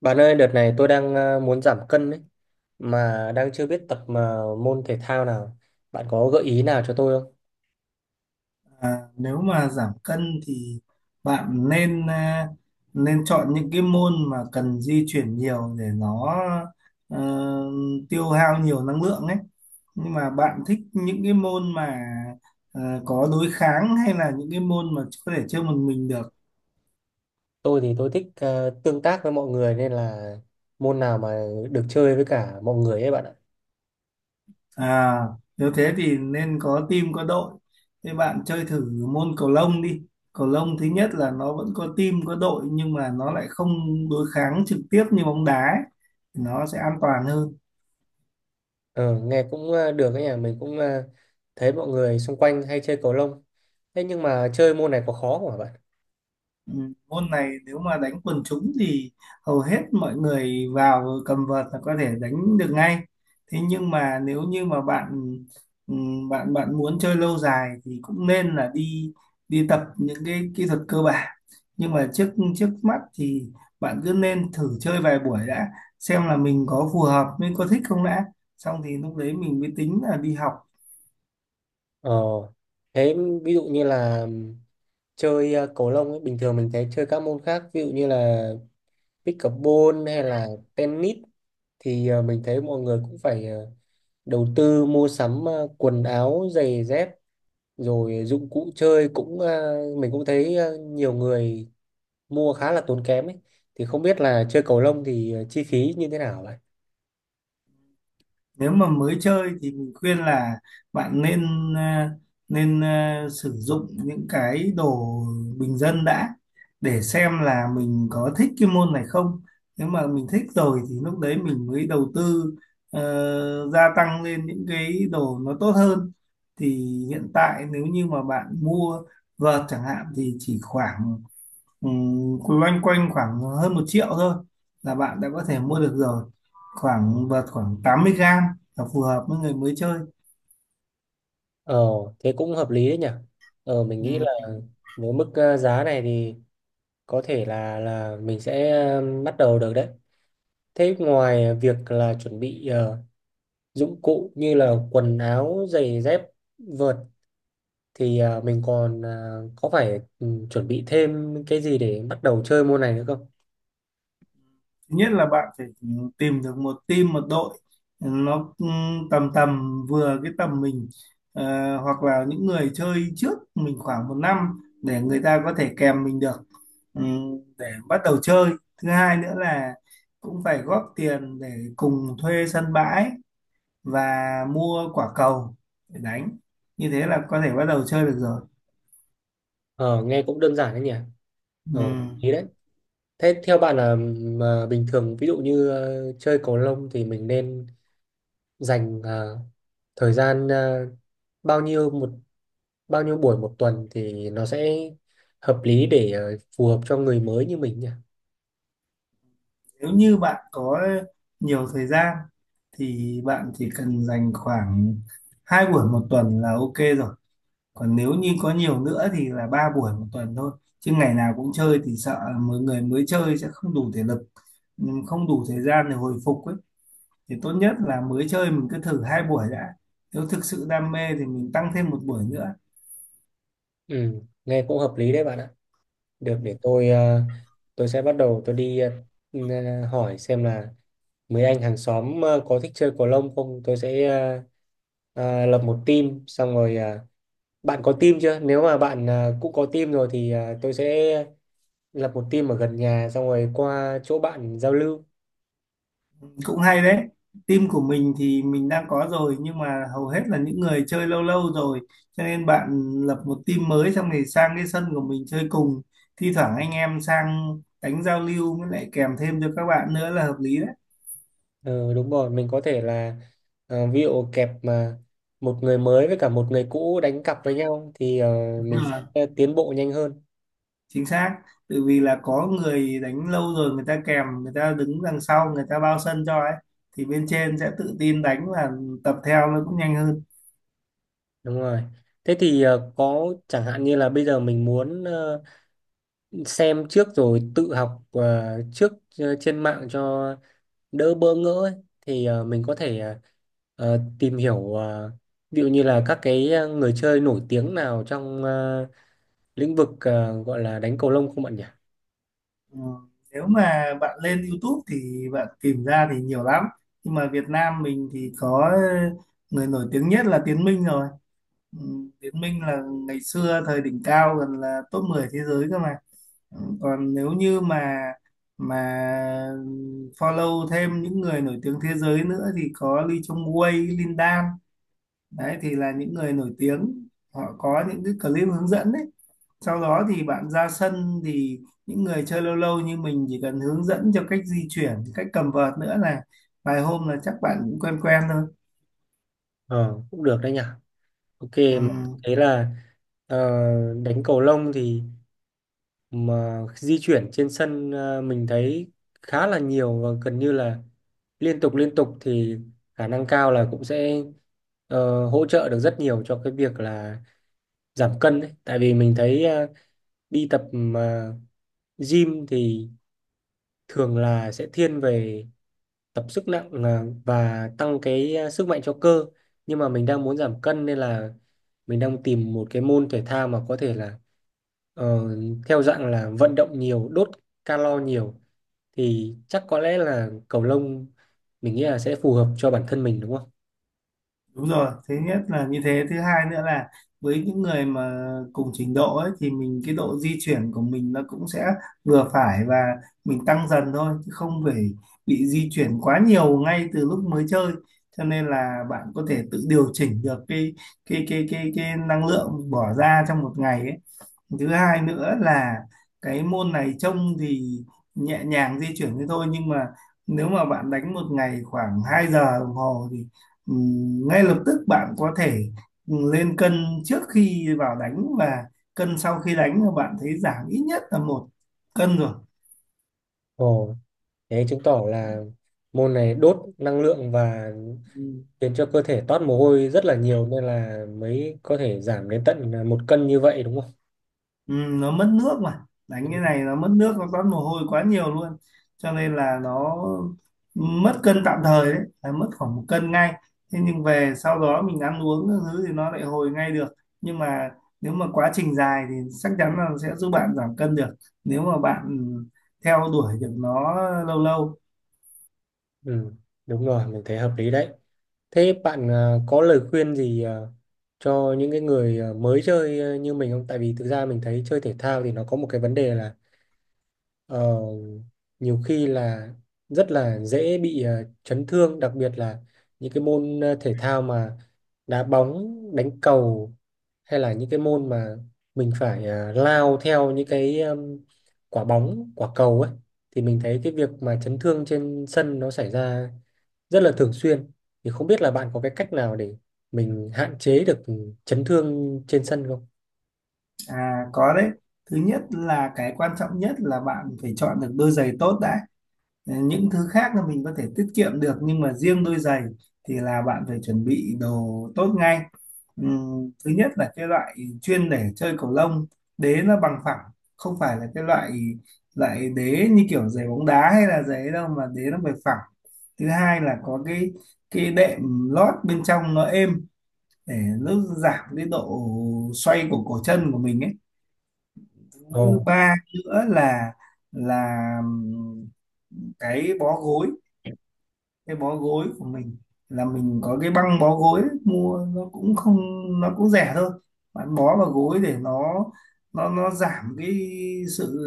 Bạn ơi, đợt này tôi đang muốn giảm cân ấy, mà đang chưa biết tập mà môn thể thao nào. Bạn có gợi ý nào cho tôi không? À, nếu mà giảm cân thì bạn nên chọn những cái môn mà cần di chuyển nhiều để nó ờ, tiêu hao nhiều năng lượng ấy. Nhưng mà bạn thích những cái môn mà có đối kháng hay là những cái môn mà có thể chơi một mình được? Tôi thì tôi thích tương tác với mọi người nên là môn nào mà được chơi với cả mọi người ấy bạn ạ. À, nếu thế thì nên có team có đội. Thế bạn chơi thử môn cầu lông đi. Cầu lông thứ nhất là nó vẫn có team có đội nhưng mà nó lại không đối kháng trực tiếp như bóng đá ấy. Nó sẽ an toàn hơn. Ờ, nghe cũng được ấy nhỉ, mình cũng thấy mọi người xung quanh hay chơi cầu lông. Thế nhưng mà chơi môn này có khó không hả bạn? Ừ, môn này nếu mà đánh quần chúng thì hầu hết mọi người vào cầm vợt là có thể đánh được ngay. Thế nhưng mà nếu như mà bạn ừ, bạn bạn muốn chơi lâu dài thì cũng nên là đi đi tập những cái kỹ thuật cơ bản. Nhưng mà trước trước mắt thì bạn cứ nên thử chơi vài buổi đã xem là mình có phù hợp mình có thích không đã. Xong thì lúc đấy mình mới tính là đi học. Ờ, thế ví dụ như là chơi cầu lông ấy, bình thường mình thấy chơi các môn khác, ví dụ như là pickleball hay là tennis thì mình thấy mọi người cũng phải đầu tư mua sắm quần áo, giày dép rồi dụng cụ chơi cũng mình cũng thấy nhiều người mua khá là tốn kém ấy. Thì không biết là chơi cầu lông thì chi phí như thế nào vậy? Nếu mà mới chơi thì mình khuyên là bạn nên ờ, nên ờ, sử dụng những cái đồ bình dân đã để xem là mình có thích cái môn này không. Nếu mà mình thích rồi thì lúc đấy mình mới đầu tư, gia tăng lên những cái đồ nó tốt hơn. Thì hiện tại nếu như mà bạn mua vợt chẳng hạn thì chỉ khoảng loanh quanh khoảng hơn 1 triệu thôi là bạn đã có thể mua được rồi. Khoảng vợt khoảng 80 gram là phù hợp với người mới chơi. Ờ, thế cũng hợp lý đấy nhỉ. Ờ, mình nghĩ Ừm, là với mức giá này thì có thể là mình sẽ bắt đầu được đấy. Thế ngoài việc là chuẩn bị dụng cụ như là quần áo, giày dép, vợt thì mình còn có phải chuẩn bị thêm cái gì để bắt đầu chơi môn này nữa không? Thứ nhất là bạn phải tìm được một team một đội nó tầm tầm vừa cái tầm mình. Ờ, hoặc là những người chơi trước mình khoảng một năm để người ta có thể kèm mình được, ừm, để bắt đầu chơi. Thứ hai nữa là cũng phải góp tiền để cùng thuê sân bãi và mua quả cầu để đánh, như thế là có thể bắt đầu chơi được rồi. Ờ, nghe cũng đơn giản đấy nhỉ? Ừ. Ờ, ý đấy. Thế theo bạn là mà bình thường ví dụ như chơi cầu lông thì mình nên dành thời gian bao nhiêu một bao nhiêu buổi một tuần thì nó sẽ hợp lý để phù hợp cho người mới như mình nhỉ? Nếu như bạn có nhiều thời gian thì bạn chỉ cần dành khoảng hai buổi một tuần là ok rồi. Còn nếu như có nhiều nữa thì là ba buổi một tuần thôi, chứ ngày nào cũng chơi thì sợ mọi người mới chơi sẽ không đủ thể lực, không đủ thời gian để hồi phục ấy. Thì tốt nhất là mới chơi mình cứ thử hai buổi đã, nếu thực sự đam mê thì mình tăng thêm một buổi nữa. Ừ, nghe cũng hợp lý đấy bạn ạ. Được, Ừ. để tôi sẽ bắt đầu tôi đi hỏi xem là mấy anh hàng xóm có thích chơi cầu lông không, tôi sẽ lập một team xong rồi bạn có team chưa, nếu mà bạn cũng có team rồi thì tôi sẽ lập một team ở gần nhà xong rồi qua chỗ bạn giao lưu. Cũng hay đấy. Team của mình thì mình đang có rồi, nhưng mà hầu hết là những người chơi lâu lâu rồi, cho nên bạn lập một team mới xong thì sang cái sân của mình chơi cùng. Thi thoảng anh em sang đánh giao lưu với lại kèm thêm cho các bạn nữa là hợp lý đấy. Ừ, đúng rồi, mình có thể là ví dụ kẹp mà một người mới với cả một người cũ đánh cặp với nhau thì mình Đúng rồi, sẽ tiến bộ nhanh hơn. chính xác. Tự vì là có người đánh lâu rồi, người ta kèm, người ta đứng đằng sau người ta bao sân cho ấy, thì bên trên sẽ tự tin đánh và tập theo nó cũng nhanh hơn. Đúng rồi. Thế thì có chẳng hạn như là bây giờ mình muốn xem trước rồi tự học trước trên mạng cho đỡ bỡ ngỡ ấy. Thì mình có thể tìm hiểu ví dụ như là các cái người chơi nổi tiếng nào trong lĩnh vực gọi là đánh cầu lông không bạn nhỉ? Ờ, nếu mà bạn lên YouTube thì bạn tìm ra thì nhiều lắm. Nhưng mà Việt Nam mình thì có người nổi tiếng nhất là Tiến Minh rồi. Ừ, Tiến Minh là ngày xưa thời đỉnh cao gần là top 10 thế giới cơ mà. Ừ, còn nếu như mà follow thêm những người nổi tiếng thế giới nữa thì có Lee Chong Wei, Lin Dan. Đấy thì là những người nổi tiếng. Họ có những cái clip hướng dẫn đấy, sau đó thì bạn ra sân thì những người chơi lâu lâu như mình chỉ cần hướng dẫn cho cách di chuyển, cách cầm vợt nữa là vài hôm là chắc bạn cũng quen quen thôi. Ờ, cũng được đấy nhỉ. Ok, Ừ, mà thế là ờ, đánh cầu lông thì mà di chuyển trên sân mình thấy khá là nhiều và gần như là liên tục liên tục, thì khả năng cao là cũng sẽ hỗ trợ được rất nhiều cho cái việc là giảm cân đấy. Tại vì mình thấy đi tập mà gym thì thường là sẽ thiên về tập sức nặng là và tăng cái sức mạnh cho cơ, nhưng mà mình đang muốn giảm cân nên là mình đang tìm một cái môn thể thao mà có thể là ờ, theo dạng là vận động nhiều, đốt calo nhiều, thì chắc có lẽ là cầu lông mình nghĩ là sẽ phù hợp cho bản thân mình, đúng không? đúng rồi, thứ nhất là như thế, thứ hai nữa là với những người mà cùng trình độ ấy thì mình cái độ di chuyển của mình nó cũng sẽ vừa phải, và mình tăng dần thôi chứ không phải bị di chuyển quá nhiều ngay từ lúc mới chơi. Cho nên là bạn có thể tự điều chỉnh được cái năng lượng bỏ ra trong một ngày ấy. Thứ hai nữa là cái môn này trông thì nhẹ nhàng di chuyển thế thôi, nhưng mà nếu mà bạn đánh một ngày khoảng 2 giờ đồng hồ thì ngay lập tức bạn có thể lên cân trước khi vào đánh, và cân sau khi đánh là bạn thấy giảm ít nhất là 1 cân rồi. Ồ, thế chứng tỏ là môn này đốt năng lượng và Ừ, khiến cho cơ thể toát mồ hôi rất là nhiều nên là mới có thể giảm đến tận một cân như vậy, đúng ừ, nó mất nước mà. Đánh cái này không? nó mất nước, nó toát mồ hôi quá nhiều luôn, cho nên là nó mất cân tạm thời đấy là mất khoảng 1 cân ngay. Thế nhưng về sau đó mình ăn uống các thứ thì nó lại hồi ngay được. Nhưng mà nếu mà quá trình dài thì chắc chắn là sẽ giúp bạn giảm cân được, nếu mà bạn theo đuổi được nó lâu lâu. Ừ, đúng rồi, mình thấy hợp lý đấy. Thế bạn có lời khuyên gì cho những cái người mới chơi như mình không? Tại vì thực ra mình thấy chơi thể thao thì nó có một cái vấn đề là Ờ, nhiều khi là rất là dễ bị chấn thương, đặc biệt là những cái môn thể thao mà đá bóng, đánh cầu hay là những cái môn mà mình phải lao theo những cái quả bóng, quả cầu ấy, thì mình thấy cái việc mà chấn thương trên sân nó xảy ra rất là thường xuyên, thì không biết là bạn có cái cách nào để mình hạn chế được chấn thương trên sân không? À, có đấy. Thứ nhất là cái quan trọng nhất là bạn phải chọn được đôi giày tốt đã. Ờ, những thứ khác là mình có thể tiết kiệm được, nhưng mà riêng đôi giày thì là bạn phải chuẩn bị đồ tốt ngay. Thứ nhất là cái loại chuyên để chơi cầu lông, đế nó bằng phẳng, không phải là cái loại loại đế như kiểu giày bóng đá hay là giày ấy đâu, mà đế nó phải phẳng. Thứ hai là có cái đệm lót bên trong nó êm, để nó giảm cái độ xoay của cổ chân của mình ấy. Thứ Ồ. ba nữa là cái bó gối cái bó gối của mình là mình có cái băng bó gối ấy, mua nó cũng không, nó cũng rẻ thôi. Bạn bó vào gối để nó nó giảm cái sự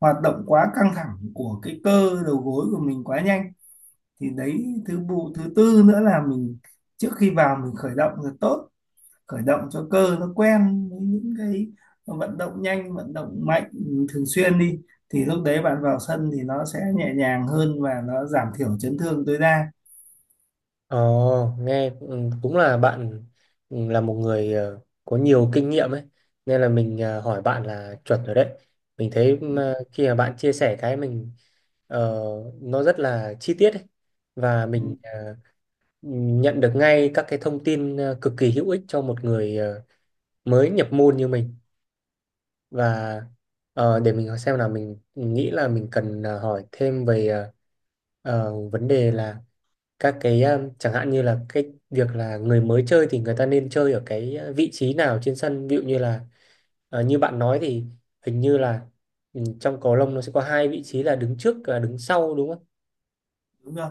hoạt động quá căng thẳng của cái cơ đầu gối của mình quá nhanh. Thì đấy, thứ bộ thứ tư nữa là mình trước khi vào mình khởi động là tốt, khởi động cho cơ nó quen với những cái vận động nhanh vận động mạnh thường xuyên đi, thì lúc đấy bạn vào sân thì nó sẽ nhẹ nhàng hơn và nó giảm thiểu chấn thương tối đa. Ồ, nghe cũng là bạn là một người có nhiều kinh nghiệm ấy, nên là mình hỏi bạn là chuẩn rồi đấy. Mình thấy Ừ, mà khi mà bạn chia sẻ cái mình ờ, nó rất là chi tiết ấy. Và mình ừ, nhận được ngay các cái thông tin cực kỳ hữu ích cho một người mới nhập môn như mình, và để mình xem là mình nghĩ là mình cần hỏi thêm về vấn đề là các cái chẳng hạn như là cái việc là người mới chơi thì người ta nên chơi ở cái vị trí nào trên sân, ví dụ như là như bạn nói thì hình như là trong cầu lông nó sẽ có hai vị trí là đứng trước và đứng sau, đúng không? đúng rồi.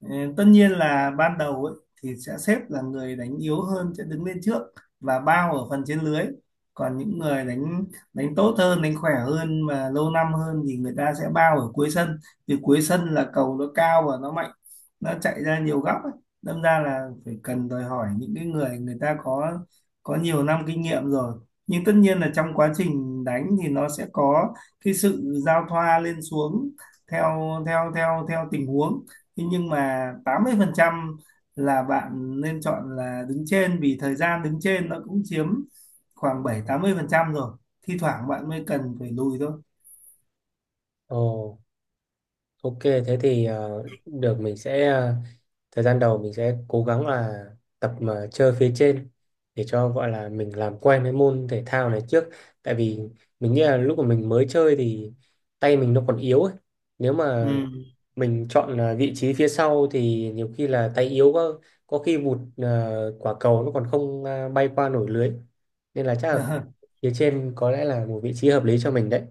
Ừ, tất nhiên là ban đầu ấy, thì sẽ xếp là người đánh yếu hơn sẽ đứng lên trước và bao ở phần trên lưới, còn những người đánh, đánh tốt hơn đánh khỏe hơn và lâu năm hơn thì người ta sẽ bao ở cuối sân, vì cuối sân là cầu nó cao và nó mạnh, nó chạy ra nhiều góc ấy. Đâm ra là phải cần đòi hỏi những cái người, người ta có nhiều năm kinh nghiệm rồi. Nhưng tất nhiên là trong quá trình đánh thì nó sẽ có cái sự giao thoa lên xuống theo theo theo theo tình huống. Thế nhưng mà 80% là bạn nên chọn là đứng trên, vì thời gian đứng trên nó cũng chiếm khoảng 70-80% rồi. Thi thoảng bạn mới cần phải lùi thôi. Ồ, ok thế thì được, mình sẽ thời gian đầu mình sẽ cố gắng là tập mà chơi phía trên để cho gọi là mình làm quen với môn thể thao này trước, tại vì mình nghĩ là lúc mà mình mới chơi thì tay mình nó còn yếu ấy. Nếu mà mình chọn vị trí phía sau thì nhiều khi là tay yếu quá, có khi vụt quả cầu nó còn không bay qua nổi lưới, nên là chắc là Ừ. phía trên có lẽ là một vị trí hợp lý cho mình đấy.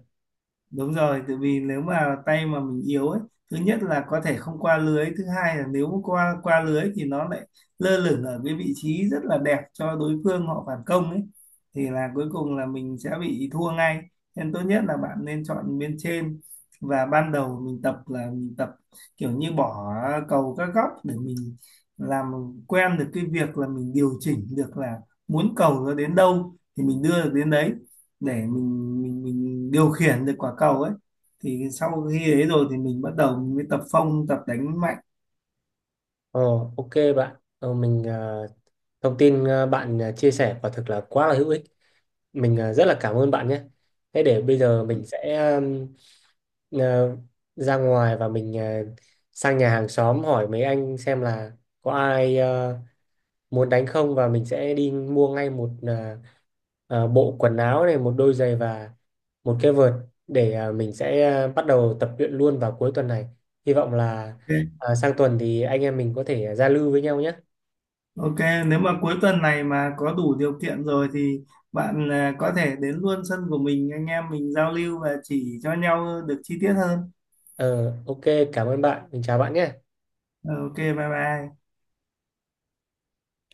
Đúng rồi, tại vì nếu mà tay mà mình yếu ấy, thứ nhất là có thể không qua lưới, thứ hai là nếu mà qua qua lưới thì nó lại lơ lửng ở cái vị trí rất là đẹp cho đối phương họ phản công ấy, thì là cuối cùng là mình sẽ bị thua ngay. Nên tốt nhất là bạn nên chọn bên trên, và ban đầu mình tập là mình tập kiểu như bỏ cầu các góc để mình làm quen được cái việc là mình điều chỉnh được là muốn cầu nó đến đâu thì mình đưa được đến đấy, để mình điều khiển được quả cầu ấy, thì sau khi ấy rồi thì mình bắt đầu mình mới tập phong tập đánh mạnh. ờ ok bạn, mình thông tin bạn chia sẻ quả thực là quá là hữu ích, mình rất là cảm ơn bạn nhé. Thế để bây giờ mình sẽ à, ra ngoài và mình sang nhà hàng xóm hỏi mấy anh xem là có ai muốn đánh không, và mình sẽ đi mua ngay một bộ quần áo này, một đôi giày và một cái vợt để mình sẽ bắt đầu tập luyện luôn vào cuối tuần này, hy vọng là Ok. Sang tuần thì anh em mình có thể giao lưu với nhau nhé. Ok, nếu mà cuối tuần này mà có đủ điều kiện rồi thì bạn có thể đến luôn sân của mình, anh em mình giao lưu và chỉ cho nhau được chi tiết hơn. Ờ ok, cảm ơn bạn, mình chào bạn nhé. Ờ, ok, bye bye.